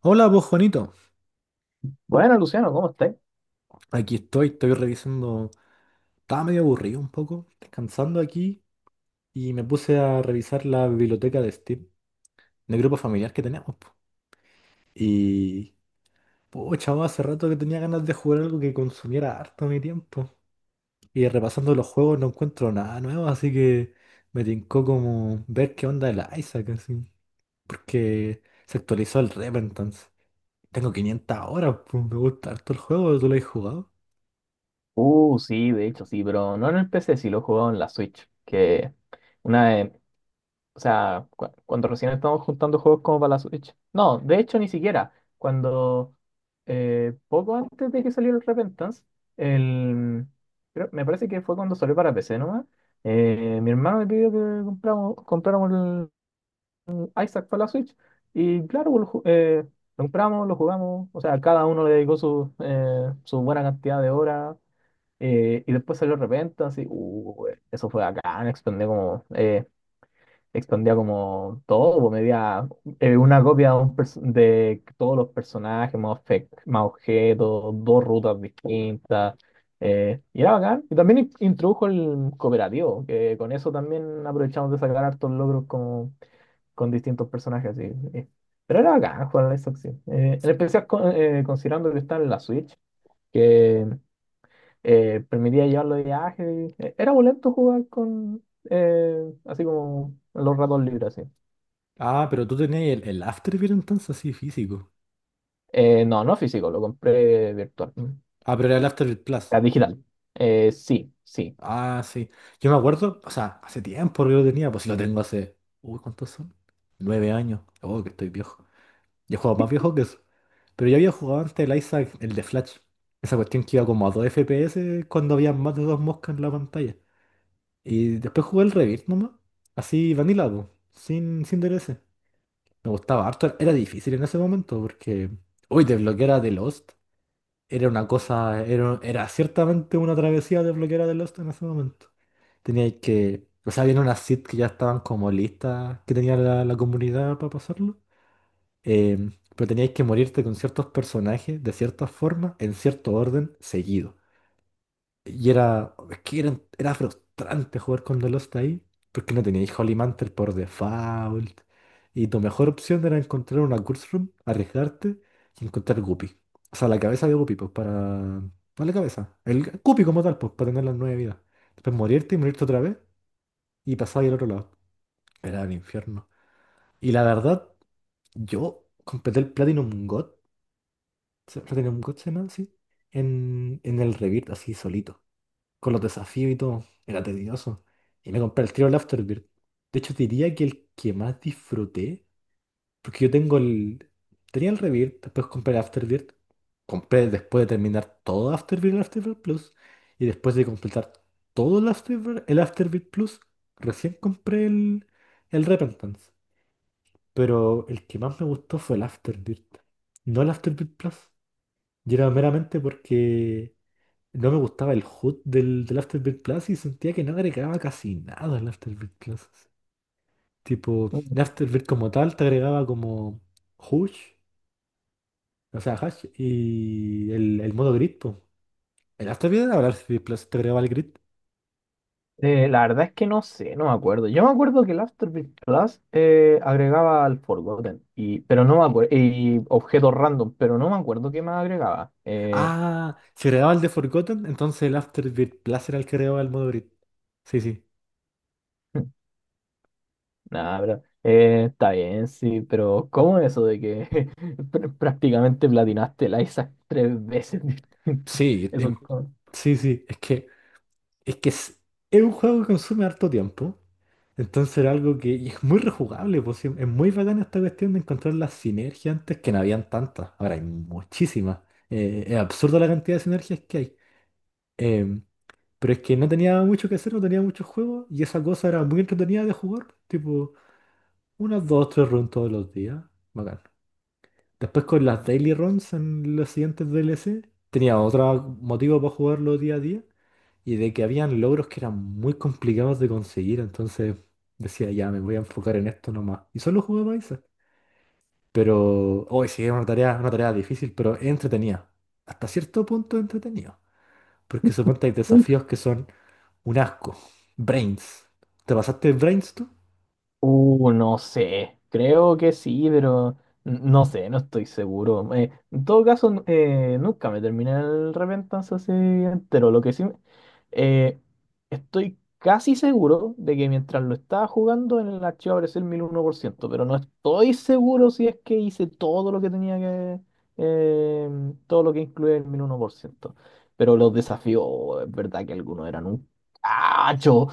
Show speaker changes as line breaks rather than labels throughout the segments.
Hola, vos Juanito.
Bueno, Luciano, ¿cómo estás?
Aquí estoy revisando. Estaba medio aburrido un poco, descansando aquí y me puse a revisar la biblioteca de Steam, del grupo familiar que teníamos, po. Y, pues, chavo, hace rato que tenía ganas de jugar algo que consumiera harto mi tiempo. Y repasando los juegos no encuentro nada nuevo, así que me tincó como ver qué onda el Isaac, así. Porque se actualizó el Repentance. Tengo 500 horas, pues me gusta harto el juego, ¿tú lo has jugado?
Sí, de hecho, sí, pero no en el PC, sí lo he jugado en la Switch, que una vez. O sea, cuando recién estábamos juntando juegos como para la Switch. No, de hecho, ni siquiera. Cuando, Poco antes de que saliera el Repentance, el, me parece que fue cuando salió para PC nomás, mi hermano me pidió que compráramos el Isaac para la Switch, y claro, pues, lo compramos, lo jugamos, o sea, cada uno le dedicó su buena cantidad de horas. Y después salió Repenta, así. Eso fue bacán, expandía como todo, pues, medía una copia de de todos los personajes, más objetos, dos rutas distintas, y era bacán. Y también introdujo el cooperativo, que con eso también aprovechamos de sacar hartos logros como, con distintos personajes, así. eh. Pero era bacán jugar a la Lies of P. En especial considerando que está en la Switch, permitía llevarlo de viaje. Era boleto jugar con, así como los ratos libres, así.
Ah, pero tú tenías el Afterbeat entonces, así físico.
No, no físico, lo compré virtual, la
Ah, pero era el Afterbeat Plus.
digital. Sí, sí.
Ah, sí. Yo me acuerdo, o sea, hace tiempo que lo tenía, pues si lo tengo hace. Uy, ¿cuántos son? 9 años. Oh, que estoy viejo. Yo he jugado más viejo que eso. Pero yo había jugado antes el Isaac, el de Flash. Esa cuestión que iba como a 2 FPS cuando había más de dos moscas en la pantalla. Y después jugué el Rebirth nomás. Así, vanilla, po. Sin DLC. Me gustaba harto. Era difícil en ese momento porque, uy, desbloquear a The Lost. Era una cosa, era, era ciertamente una travesía de bloquear de Lost en ese momento. Tenía que, o sea, había unas seeds que ya estaban como listas, que tenía la comunidad para pasarlo. em, pero teníais que morirte con ciertos personajes de ciertas formas, en cierto orden, seguido. Y era, es que era, era frustrante jugar con The Lost ahí, porque no teníais Holy Mantle por default. Y tu mejor opción era encontrar una Curse Room, arriesgarte y encontrar Guppy. O sea, la cabeza de Guppy, pues para. No la cabeza, el Guppy como tal, pues para tener las nueve vidas. Después morirte y morirte otra vez y pasar al otro lado. Era el infierno. Y la verdad, yo completé el Platinum God, Platinum God se llama así, en el Rebirth, así solito, con los desafíos y todo. Era tedioso. Y me compré el tiro el Afterbirth. De hecho, diría que el que más disfruté, porque yo tengo el. Tenía el Rebirth, después compré el Afterbirth. Compré después de terminar todo Afterbirth, el Afterbirth Plus. Y después de completar todo el Afterbirth Plus, recién compré el Repentance. Pero el que más me gustó fue el Afterbirth, no el Afterbirth Plus. Y era meramente porque no me gustaba el HUD del Afterbirth Plus y sentía que no agregaba casi nada al Afterbirth Plus. Tipo, el Afterbirth como tal te agregaba como Hush, o sea, Hash y el modo Grid, po. El Afterbirth era el Afterbirth Plus, te agregaba el Grid.
La verdad es que no sé, no me acuerdo. Yo me acuerdo que el Afterbirth Plus agregaba al Forgotten, pero no me acuerdo, y objetos random, pero no me acuerdo qué más agregaba.
Ah, si agregaba el de Forgotten, entonces el Afterbirth Plus era el que agregaba el modo Grid. Sí, sí.
Nada, pero está bien, sí, pero ¿cómo es eso de que prácticamente platinaste el Isaac tres veces distintas?
Sí,
Eso es como...
sí, sí, es que es un juego que consume harto tiempo. Entonces era algo que y es muy rejugable, pues, sí, es muy bacana esta cuestión de encontrar las sinergias antes que no habían tantas. Ahora hay muchísimas. Es absurdo la cantidad de sinergias que hay. Em, pero es que no tenía mucho que hacer, no tenía muchos juegos y esa cosa era muy entretenida de jugar. Tipo, unas dos, tres runs todos los días. Bacán. Después con las daily runs en los siguientes DLC, tenía otro motivo para jugarlo día a día y de que habían logros que eran muy complicados de conseguir, entonces decía, ya me voy a enfocar en esto nomás. Y solo jugaba esa. Pero hoy sí, es una tarea difícil, pero entretenida. Hasta cierto punto entretenido. Porque suponte hay desafíos que son un asco. Brains. ¿Te pasaste Brains tú?
No sé, creo que sí, pero no sé, no estoy seguro. En todo caso, nunca me terminé el Repentance así entero. Lo que sí, eh, estoy casi seguro de que mientras lo estaba jugando en el archivo apareció el 1001%, pero no estoy seguro si es que hice todo lo que tenía que, eh, todo lo que incluía el 1001%. Pero los desafíos, es verdad que algunos eran un cacho.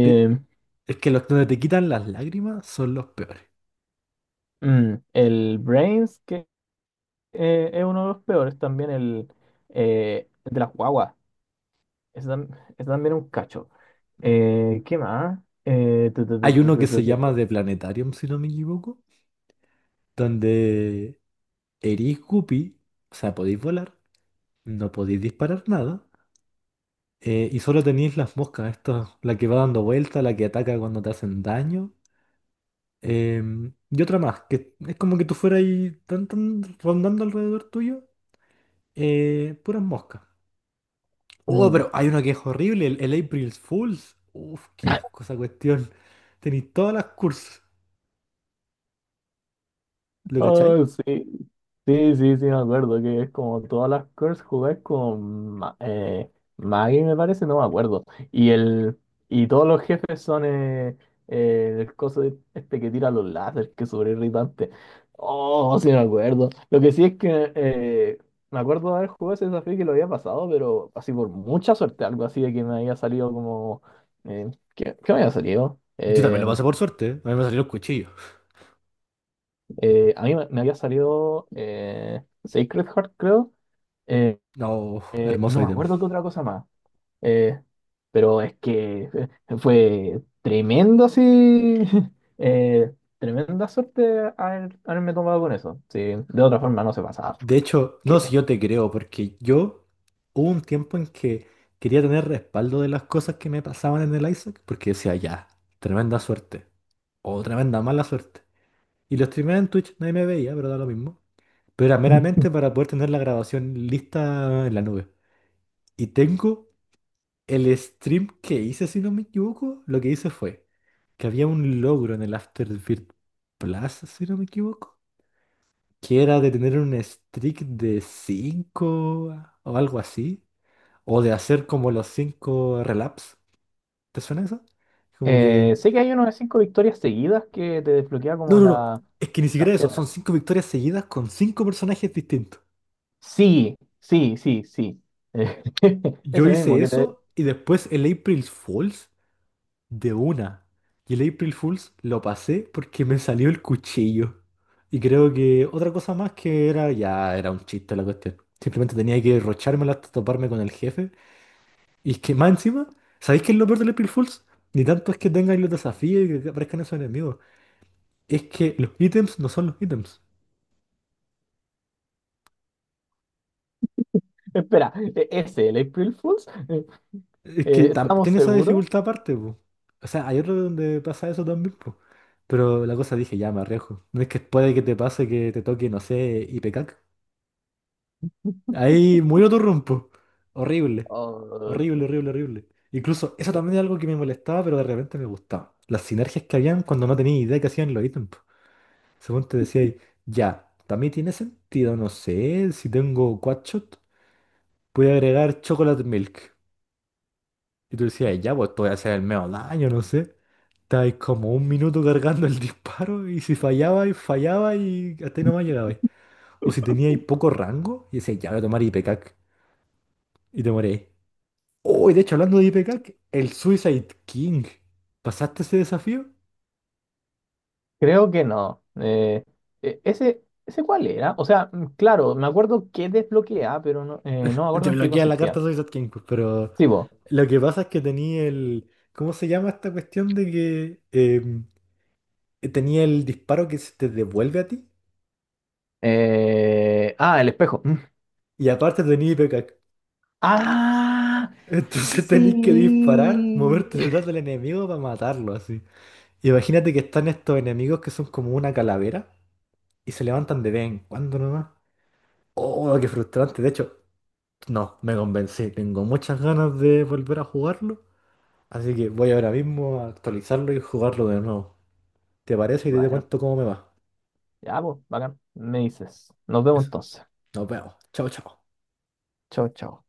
Te- es que los donde te quitan las lágrimas son los peores.
Mm, el Brains, que es uno de los peores, también el de las guaguas. Ese, tam- ese también es un cacho. ¿Qué más? Tu, tu, tu,
Hay
tu,
uno que
tu, tu,
se
tu, tu.
llama The Planetarium, si no me equivoco, donde erís Guppy, o sea, podéis volar, no podéis disparar nada. Y solo tenéis las moscas, esta, la que va dando vuelta, la que ataca cuando te hacen daño. Y otra más, que es como que tú fueras ahí tan, rondando alrededor tuyo, puras moscas. Oh,
Mm.
pero hay una que es horrible, el April Fools. Uf, qué asco esa cuestión. Tenéis todas las cursos, ¿lo cachai?
Oh, sí. Sí, sí, sí, me acuerdo que es como todas las curves jugáis con Maggie, me parece, no me acuerdo. Y el y todos los jefes son el coso, este que tira los láseres, que es súper irritante. Oh, sí, me acuerdo. Lo que sí es que me acuerdo de haber jugado ese desafío y que lo había pasado, pero así por mucha suerte, algo así de que me había salido como. Eh, ¿qué, qué me había salido?
Yo también lo pasé por suerte, ¿eh? A mí me salieron cuchillos.
A mí me había salido Sacred Heart, creo, eh,
No,
y
hermoso
no me
ítem.
acuerdo qué otra cosa más. Eh, pero es que fue tremendo, así, eh, tremenda suerte haberme tomado con eso. Sí, de otra forma no se pasaba.
De hecho, no, si
Que-
yo te creo, porque yo hubo un tiempo en que quería tener respaldo de las cosas que me pasaban en el Isaac, porque decía, ya, tremenda suerte, o tremenda mala suerte. Y lo streameaba en Twitch, nadie me veía, pero da lo mismo. Pero era meramente para poder tener la grabación lista en la nube. Y tengo el stream que hice, si no me equivoco, lo que hice fue que había un logro en el Afterbirth Plus, si no me equivoco, que era de tener un streak de 5 o algo así, o de hacer como los 5 relaps. ¿Te suena eso? Como
eh,
que,
sé que hay unas 5 victorias seguidas que te desbloquea
no,
como
no, no, es que ni
las
siquiera eso,
piedras.
son 5 victorias seguidas con 5 personajes distintos.
Sí, sí, sí, sí. Eh,
Yo
ese mismo
hice
que te...
eso y después el April Fools de una. Y el April Fools lo pasé porque me salió el cuchillo. Y creo que otra cosa más que era, ya era un chiste la cuestión. Simplemente tenía que derrochármela hasta toparme con el jefe. Y es que más encima, ¿sabéis qué es lo peor del April Fools? Ni tanto es que tengáis los desafíos y que aparezcan esos enemigos. Es que los ítems no son los ítems.
Espera, ese, el April Fools. Eh,
Es que
¿Estamos
tiene esa
seguros?
dificultad aparte, po. O sea, hay otro donde pasa eso también, po. Pero la cosa dije, ya me arriesgo. No es que puede que te pase que te toque, no sé, Ipecac. Ahí muy otro rompo. Horrible.
Oh,
Horrible,
que-
horrible, horrible. Incluso eso también es algo que me molestaba, pero de repente me gustaba. Las sinergias que habían cuando no tenía idea que hacían los ítems. Según te decía, ahí, ya, también tiene sentido, no sé, si tengo quadshot, voy a agregar chocolate milk. Y tú decías, ya, pues te voy a hacer el medio daño, no sé. Estabas como un minuto cargando el disparo y si fallaba y fallaba y hasta ahí nomás llegabais. O si teníais poco rango y decías, ya voy a tomar IPCAC y te moréis. Oh, y de hecho, hablando de IPCAC, el Suicide King. ¿Pasaste ese desafío?
creo que no. Ese, ¿ese cuál era? O sea, mm, claro, me acuerdo que desbloqueaba, pero no, no me
Te
acuerdo en qué
bloquea la carta
consistía.
Suicide King, pues, pero
Sí, po.
lo que pasa es que tenía el. ¿Cómo se llama esta cuestión de que tenía el disparo que se te devuelve a ti?
Ah, el espejo. Mm.
Y aparte tenía IPK.
¡Ah!
Entonces tenéis que disparar,
Sí.
moverte detrás del enemigo para matarlo así. Imagínate que están estos enemigos que son como una calavera y se levantan de vez en cuando nomás. Oh, qué frustrante. De hecho, no, me convencí. Tengo muchas ganas de volver a jugarlo. Así que voy ahora mismo a actualizarlo y jugarlo de nuevo. ¿Te parece? Y te
Bueno,
cuento cómo me va.
ya, pues, bacán. Me dices. Nos vemos
Eso.
entonces.
Nos vemos. Chao, chao.
Chau, chau.